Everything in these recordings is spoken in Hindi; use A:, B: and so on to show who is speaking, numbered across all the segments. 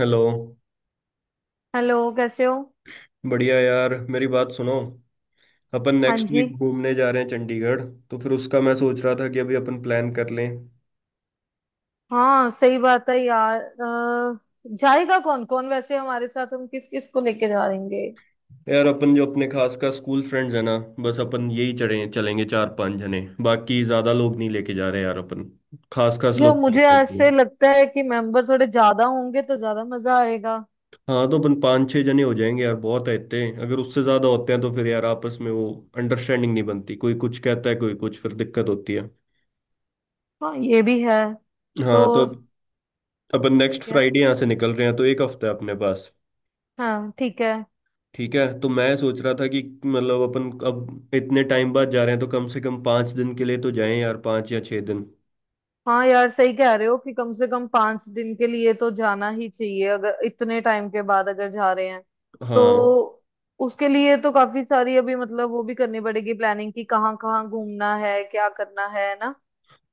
A: हेलो।
B: हेलो कैसे हो।
A: बढ़िया यार, मेरी बात सुनो। अपन
B: हाँ
A: नेक्स्ट
B: जी।
A: वीक घूमने जा रहे हैं चंडीगढ़। तो फिर उसका मैं सोच रहा था कि अभी अपन प्लान कर लें।
B: हाँ सही बात है यार जाएगा कौन कौन वैसे हमारे साथ, हम किस किस को लेके जा रहेंगे।
A: यार, अपन जो अपने खास का स्कूल फ्रेंड्स है ना, बस अपन यही चढ़े चलेंगे चार पांच जने। बाकी ज्यादा लोग नहीं लेके जा रहे यार अपन। खास खास
B: यो
A: लोग चल
B: मुझे
A: रहे हैं
B: ऐसे
A: अपन।
B: लगता है कि मेंबर थोड़े ज्यादा होंगे तो ज्यादा मजा आएगा।
A: हाँ तो अपन पाँच छह जने हो जाएंगे यार, बहुत है इतने। अगर उससे ज्यादा होते हैं तो फिर यार आपस में वो अंडरस्टैंडिंग नहीं बनती, कोई कुछ कहता है कोई कुछ, फिर दिक्कत होती है।
B: हाँ ये भी है। तो।
A: हाँ। तो अपन नेक्स्ट
B: क्या।
A: फ्राइडे यहाँ से निकल रहे हैं, तो एक हफ्ता है अपने पास।
B: हाँ ठीक है।
A: ठीक है, तो मैं सोच रहा था कि मतलब अपन अब इतने टाइम बाद जा रहे हैं, तो कम से कम 5 दिन के लिए तो जाएं यार, 5 या 6 दिन।
B: हाँ यार सही कह रहे हो कि कम से कम 5 दिन के लिए तो जाना ही चाहिए, अगर इतने टाइम के बाद अगर जा रहे हैं
A: हाँ।
B: तो। उसके लिए तो काफी सारी अभी मतलब वो भी करनी पड़ेगी प्लानिंग कि कहाँ कहाँ घूमना है, क्या करना है ना।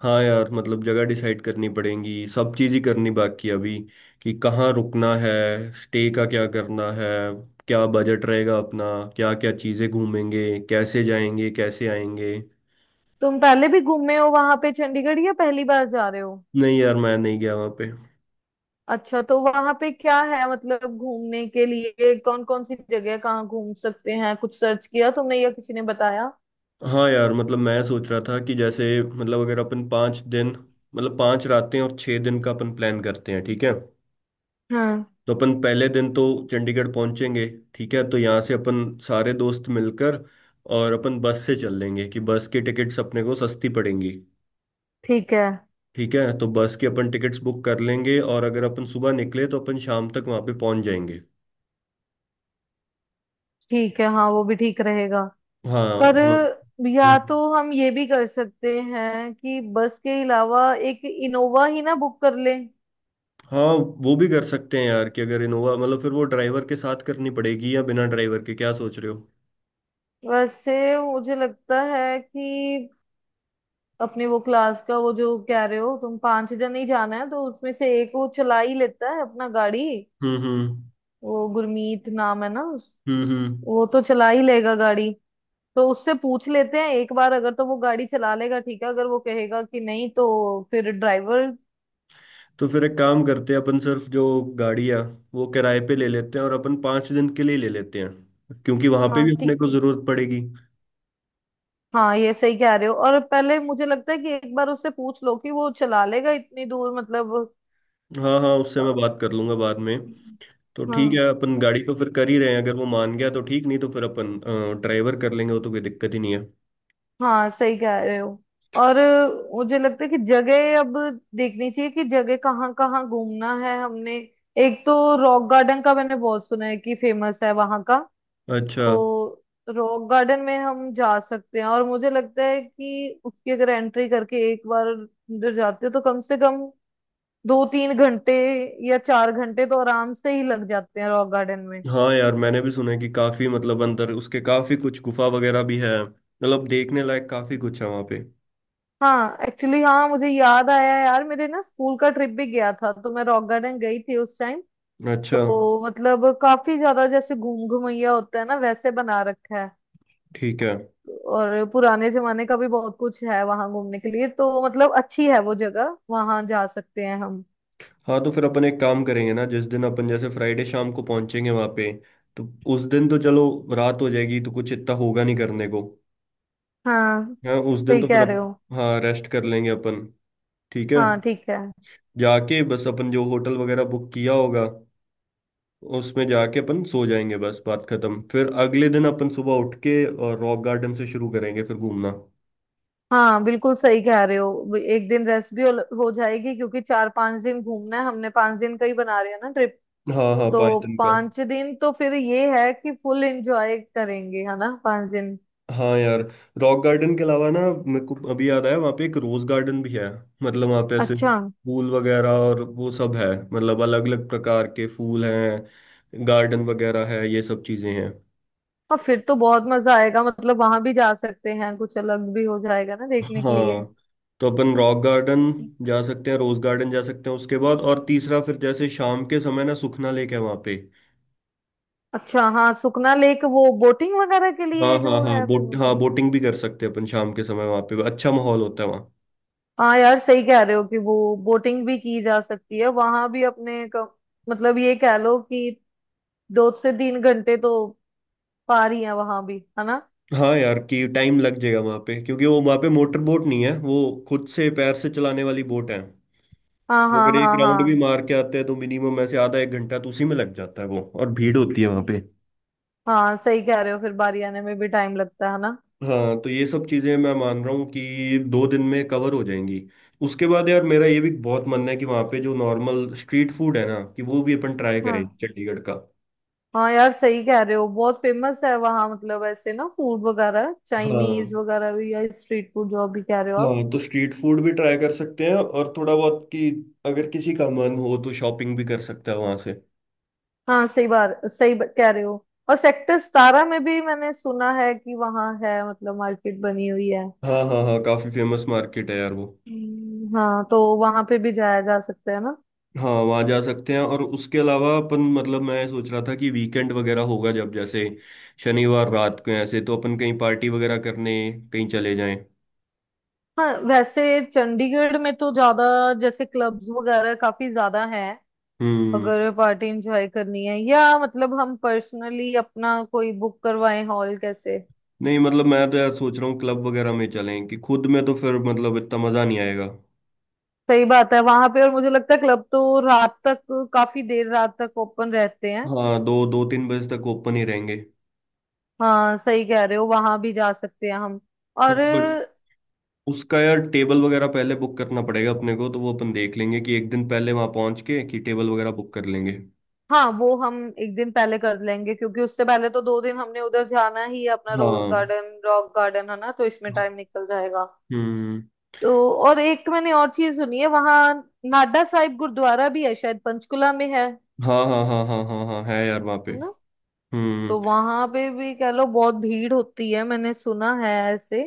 A: हाँ यार, मतलब जगह डिसाइड करनी पड़ेगी, सब चीज़ ही करनी बाकी है अभी। कि कहाँ रुकना है, स्टे का क्या करना है, क्या बजट रहेगा अपना, क्या क्या चीज़ें घूमेंगे, कैसे जाएंगे कैसे आएंगे।
B: तुम पहले भी घूमे हो वहां पे चंडीगढ़, या पहली बार जा रहे हो।
A: नहीं यार, मैं नहीं गया वहाँ पे।
B: अच्छा तो वहां पे क्या है, मतलब घूमने के लिए कौन कौन सी जगह है, कहाँ घूम सकते हैं, कुछ सर्च किया तुमने या किसी ने बताया।
A: हाँ यार, मतलब मैं सोच रहा था कि जैसे मतलब अगर अपन 5 दिन, मतलब 5 रातें और 6 दिन का अपन प्लान करते हैं, ठीक है।
B: हाँ
A: तो अपन पहले दिन तो चंडीगढ़ पहुंचेंगे। ठीक है, तो यहाँ से अपन सारे दोस्त मिलकर, और अपन बस से चल लेंगे, कि बस की टिकट्स अपने को सस्ती पड़ेंगी।
B: ठीक है।
A: ठीक है, तो बस की अपन टिकट्स बुक कर लेंगे, और अगर अपन सुबह निकले तो अपन शाम तक वहाँ पे पहुंच जाएंगे।
B: ठीक है। हाँ, वो भी ठीक रहेगा।
A: हाँ
B: पर
A: और-
B: या तो
A: हम्म,
B: हम ये भी कर सकते हैं कि बस के अलावा एक इनोवा ही ना बुक कर लें।
A: हाँ। वो भी कर सकते हैं यार, कि अगर इनोवा मतलब फिर वो ड्राइवर के साथ करनी पड़ेगी या बिना ड्राइवर के, क्या सोच रहे हो।
B: वैसे मुझे लगता है कि अपने वो क्लास का, वो जो कह रहे हो तुम पांच जन ही जाना है, तो उसमें से एक वो चला ही लेता है अपना गाड़ी।
A: हम्म।
B: वो गुरमीत नाम है ना उस।
A: हम्म।
B: वो तो चला ही लेगा गाड़ी। तो उससे पूछ लेते हैं एक बार, अगर तो वो गाड़ी चला लेगा ठीक है, अगर वो कहेगा कि नहीं तो फिर ड्राइवर।
A: तो फिर एक काम करते हैं, अपन सिर्फ जो गाड़ियाँ, वो किराए पे ले लेते हैं, और अपन 5 दिन के लिए ले लेते हैं, क्योंकि वहाँ पे
B: हाँ
A: भी अपने
B: ठीक
A: को
B: है।
A: ज़रूरत पड़ेगी।
B: हाँ ये सही कह रहे हो, और पहले मुझे लगता है कि एक बार उससे पूछ लो कि वो चला लेगा इतनी दूर मतलब।
A: हाँ हाँ, उससे मैं बात कर लूंगा बाद में। तो ठीक है,
B: हाँ
A: अपन गाड़ी तो फिर कर ही रहे हैं, अगर वो मान गया तो ठीक, नहीं तो फिर अपन ड्राइवर कर लेंगे, वो तो कोई दिक्कत ही नहीं है।
B: हाँ सही कह रहे हो। और मुझे लगता है कि जगह अब देखनी चाहिए, कि जगह कहाँ कहाँ घूमना है हमने। एक तो रॉक गार्डन का मैंने बहुत सुना है कि फेमस है वहाँ का।
A: अच्छा।
B: तो रॉक गार्डन में हम जा सकते हैं, और मुझे लगता है कि उसकी अगर एंट्री करके एक बार अंदर जाते हो तो कम से कम 2-3 घंटे या 4 घंटे तो आराम से ही लग जाते हैं रॉक गार्डन में।
A: हाँ यार, मैंने भी सुना है कि काफ़ी मतलब अंदर उसके काफ़ी कुछ गुफा वगैरह भी है, मतलब देखने लायक काफ़ी कुछ है वहाँ पे।
B: हाँ एक्चुअली, हाँ मुझे याद आया यार, मेरे ना स्कूल का ट्रिप भी गया था तो मैं रॉक गार्डन गई थी उस टाइम।
A: अच्छा।
B: तो मतलब काफी ज्यादा, जैसे घूम घूमैया होता है ना, वैसे बना रखा है।
A: ठीक है।
B: और पुराने जमाने का भी बहुत कुछ है वहां घूमने के लिए, तो मतलब अच्छी है वो जगह, वहां जा सकते हैं हम।
A: हाँ, तो फिर अपन एक काम करेंगे ना, जिस दिन अपन जैसे फ्राइडे शाम को पहुंचेंगे वहां पे, तो उस दिन तो चलो रात हो जाएगी, तो कुछ इतना होगा नहीं करने को।
B: हाँ
A: हाँ उस दिन
B: सही
A: तो फिर
B: कह रहे
A: अप,
B: हो।
A: हाँ, रेस्ट कर लेंगे अपन। ठीक है।
B: हाँ ठीक है।
A: जाके बस अपन जो होटल वगैरह बुक किया होगा, उसमें जाके अपन सो जाएंगे, बस बात खत्म। फिर अगले दिन अपन सुबह उठ के और रॉक गार्डन से शुरू करेंगे फिर घूमना।
B: हाँ बिल्कुल सही कह रहे हो, एक दिन रेस्ट भी हो जाएगी क्योंकि 4-5 दिन घूमना है हमने, 5 दिन का ही बना रहे हैं ना ट्रिप।
A: हाँ हाँ
B: तो
A: पायथन का।
B: 5 दिन तो फिर ये है कि फुल एंजॉय करेंगे, है ना 5 दिन।
A: हाँ यार, रॉक गार्डन के अलावा ना, मेरे को अभी याद आया, वहाँ पे एक रोज गार्डन भी है, मतलब वहाँ पे ऐसे
B: अच्छा।
A: फूल वगैरह और वो सब है, मतलब अलग अलग प्रकार के फूल हैं, गार्डन वगैरह है, ये सब चीजें हैं।
B: हाँ फिर तो बहुत मजा आएगा, मतलब वहां भी जा सकते हैं, कुछ अलग भी हो जाएगा ना देखने के लिए।
A: हाँ, तो अपन रॉक गार्डन जा सकते हैं, रोज गार्डन जा सकते हैं, उसके बाद और तीसरा फिर जैसे शाम के समय ना सुखना लेक है वहाँ पे।
B: अच्छा हाँ, सुखना लेक वो बोटिंग वगैरह के लिए
A: हाँ हाँ
B: जो
A: हाँ
B: है
A: बोट,
B: फेमस।
A: हाँ बोटिंग भी कर सकते हैं अपन, शाम के समय वहाँ पे अच्छा माहौल होता है।
B: हाँ यार सही कह रहे हो कि वो बोटिंग भी की जा सकती है, वहां भी मतलब ये कह लो कि 2 से 3 घंटे तो पार ही है वहां भी, है ना।
A: हाँ यार, कि टाइम लग जाएगा वहां पे, क्योंकि वो वहां पे मोटर बोट नहीं है, वो खुद से पैर से चलाने वाली बोट है।
B: हाँ हाँ
A: अगर एक
B: हाँ
A: राउंड भी
B: हाँ।
A: मार के आते हैं तो मिनिमम ऐसे आधा एक घंटा तो उसी में लग जाता है, वो और भीड़ होती है वहां पे।
B: हाँ सही कह रहे हो, फिर बारी आने में भी टाइम लगता है ना।
A: हाँ, तो ये सब चीजें मैं मान रहा हूँ कि 2 दिन में कवर हो जाएंगी। उसके बाद यार मेरा ये भी बहुत मन है कि वहाँ पे जो नॉर्मल स्ट्रीट फूड है ना, कि वो भी अपन ट्राई
B: हाँ।
A: करें चंडीगढ़ का।
B: हाँ यार सही कह रहे हो, बहुत फेमस है वहाँ मतलब, ऐसे ना फूड वगैरह, चाइनीज
A: हाँ।
B: वगैरह भी, या स्ट्रीट फूड जो अभी कह रहे हो आप।
A: हाँ, तो स्ट्रीट फूड भी ट्राई कर सकते हैं, और थोड़ा बहुत कि अगर किसी का मन हो तो शॉपिंग भी कर सकता है वहाँ से।
B: हाँ सही बार सही ब- कह रहे हो। और सेक्टर 17 में भी मैंने सुना है कि वहाँ है मतलब, मार्केट बनी हुई है।
A: हाँ हाँ हाँ, काफी फेमस मार्केट है यार वो।
B: हाँ तो वहां पे भी जाया जा सकता है ना।
A: हाँ, वहाँ जा सकते हैं, और उसके अलावा अपन मतलब मैं सोच रहा था कि वीकेंड वगैरह होगा जब जैसे शनिवार रात को ऐसे, तो अपन कहीं पार्टी वगैरह करने कहीं चले जाएं।
B: हाँ वैसे चंडीगढ़ में तो ज्यादा जैसे क्लब्स वगैरह काफी ज्यादा हैं।
A: हम्म।
B: अगर पार्टी एंजॉय करनी है, या मतलब हम पर्सनली अपना कोई बुक करवाएं हॉल कैसे।
A: नहीं मतलब मैं तो यार सोच रहा हूँ क्लब वगैरह में चलें, कि खुद में तो फिर मतलब इतना मजा नहीं आएगा।
B: सही बात है वहां पे, और मुझे लगता है क्लब तो रात तक, काफी देर रात तक ओपन रहते हैं।
A: हाँ, दो दो तीन बजे तक ओपन ही रहेंगे।
B: हाँ सही कह रहे हो, वहां भी जा सकते हैं हम।
A: हाँ
B: और।
A: बट उसका यार टेबल वगैरह पहले बुक करना पड़ेगा अपने को, तो वो अपन देख लेंगे कि एक दिन पहले वहाँ पहुँच के कि टेबल वगैरह बुक कर लेंगे।
B: हाँ वो हम एक दिन पहले कर लेंगे, क्योंकि उससे पहले तो 2 दिन हमने उधर जाना ही है अपना, रोज
A: हाँ।
B: गार्डन रॉक गार्डन है ना, तो इसमें टाइम निकल जाएगा।
A: हम्म।
B: तो। और एक मैंने और चीज सुनी है वहां, नाडा साहिब गुरुद्वारा भी है शायद, पंचकुला में है
A: हाँ हाँ हाँ हाँ हाँ हाँ, है यार वहाँ पे।
B: ना।
A: हम्म।
B: तो वहां पे भी कह लो बहुत भीड़ होती है, मैंने सुना है ऐसे।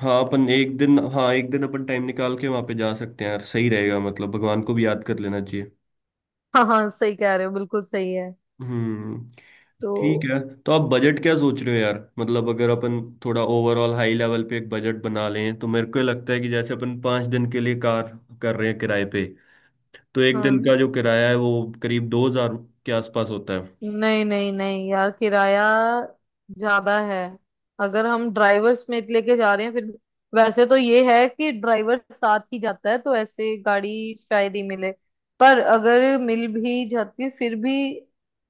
A: हाँ, अपन एक दिन, हाँ एक दिन अपन टाइम निकाल के वहाँ पे जा सकते हैं यार, सही रहेगा, मतलब भगवान को भी याद कर लेना चाहिए।
B: हाँ हाँ सही कह रहे हो, बिल्कुल सही है।
A: हम्म।
B: तो।
A: ठीक है। तो आप बजट क्या सोच रहे हो यार, मतलब अगर अपन थोड़ा ओवरऑल हाई लेवल पे एक बजट बना लें, तो मेरे को लगता है कि जैसे अपन 5 दिन के लिए कार कर रहे हैं किराए पे, तो एक दिन
B: हाँ
A: का जो किराया है वो करीब 2,000 के आसपास होता है।
B: नहीं नहीं नहीं यार, किराया ज्यादा है। अगर हम ड्राइवर समेत लेके जा रहे हैं फिर, वैसे तो ये है कि ड्राइवर साथ ही जाता है, तो ऐसे गाड़ी शायद ही मिले। पर अगर मिल भी जाती है फिर भी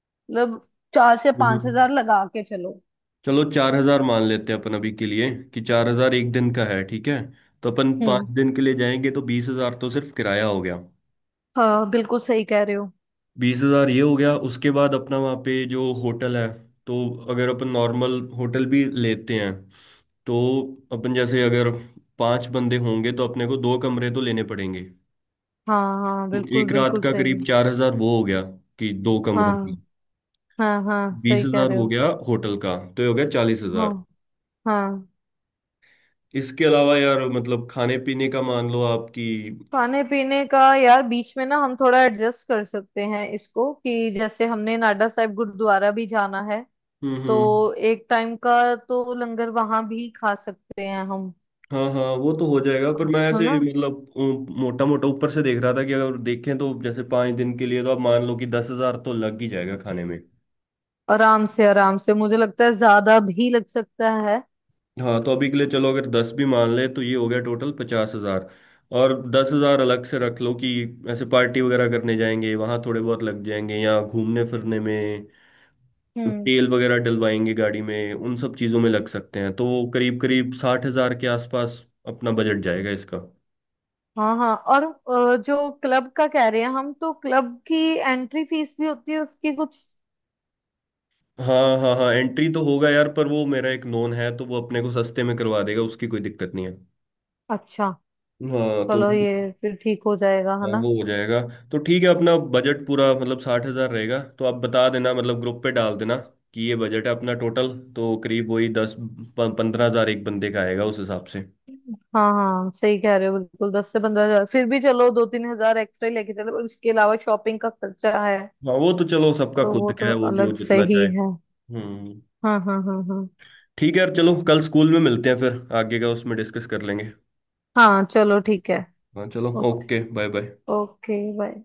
B: मतलब, चार से पांच
A: हम्म।
B: हजार लगा के चलो।
A: चलो 4,000 मान लेते हैं अपन अभी के लिए, कि 4,000 एक दिन का है, ठीक है। तो अपन पाँच
B: हम्म।
A: दिन के लिए जाएंगे तो 20,000 तो सिर्फ किराया हो गया।
B: हाँ बिल्कुल सही कह रहे हो।
A: 20,000 ये हो गया। उसके बाद अपना वहाँ पे जो होटल है, तो अगर अपन नॉर्मल होटल भी लेते हैं, तो अपन जैसे अगर 5 बंदे होंगे तो अपने को 2 कमरे तो लेने पड़ेंगे।
B: हाँ हाँ
A: तो
B: बिल्कुल
A: एक रात
B: बिल्कुल
A: का
B: सही।
A: करीब 4,000 वो हो गया, कि 2 कमरों का।
B: हाँ हाँ हाँ
A: बीस
B: सही कह
A: हजार
B: रहे
A: हो
B: हो।
A: गया होटल का, तो ये हो गया 40,000।
B: हाँ हाँ।
A: इसके अलावा यार मतलब खाने पीने का मान लो, आपकी।
B: खाने पीने का यार बीच में ना हम थोड़ा एडजस्ट कर सकते हैं इसको, कि जैसे हमने नाडा साहिब गुरुद्वारा भी जाना है, तो
A: हम्म।
B: एक टाइम का तो लंगर वहां भी खा सकते हैं हम,
A: हाँ हाँ, वो तो हो जाएगा, पर मैं
B: है
A: ऐसे
B: ना।
A: मतलब मोटा मोटा ऊपर से देख रहा था कि अगर देखें तो जैसे 5 दिन के लिए तो आप मान लो कि 10,000 तो लग ही जाएगा खाने में।
B: आराम से आराम से, मुझे लगता है ज्यादा भी लग सकता है।
A: हाँ, तो अभी के लिए चलो अगर दस भी मान ले तो ये हो गया टोटल 50,000। और 10,000 अलग से रख लो कि ऐसे पार्टी वगैरह करने जाएंगे वहाँ थोड़े बहुत लग जाएंगे, या घूमने फिरने में
B: हम्म।
A: तेल वगैरह डलवाएंगे गाड़ी में, उन सब चीज़ों में लग सकते हैं। तो करीब करीब 60,000 के आसपास अपना बजट जाएगा इसका।
B: हाँ हाँ, और जो क्लब का कह रहे हैं हम, तो क्लब की एंट्री फीस भी होती है उसकी कुछ।
A: हाँ हाँ हाँ, एंट्री तो होगा यार, पर वो मेरा एक नोन है, तो वो अपने को सस्ते में करवा देगा, उसकी कोई दिक्कत नहीं है।
B: अच्छा।
A: हाँ तो
B: चलो ये फिर ठीक हो जाएगा है
A: हाँ,
B: ना।
A: वो हो जाएगा। तो ठीक है, अपना बजट पूरा मतलब 60,000 रहेगा, तो आप बता देना, मतलब ग्रुप पे डाल देना कि ये बजट है अपना टोटल। तो करीब वही 10-15,000 एक बंदे का आएगा उस हिसाब से।
B: हाँ हाँ सही कह रहे हो, बिल्कुल 10 से 15 हजार, फिर भी चलो 2-3 हजार एक्स्ट्रा ही लेके चलो, और इसके अलावा शॉपिंग का खर्चा है,
A: हाँ, वो तो चलो सबका
B: तो
A: खुद
B: वो
A: का
B: तो
A: है, वो जो
B: अलग से
A: जितना
B: ही
A: चाहे।
B: है।
A: हम्म।
B: हाँ हाँ हाँ हाँ।
A: ठीक है यार, चलो कल स्कूल में मिलते हैं, फिर आगे का उसमें डिस्कस कर लेंगे।
B: हाँ चलो ठीक है।
A: हाँ चलो,
B: okay.
A: Okay, bye bye.
B: Okay bye.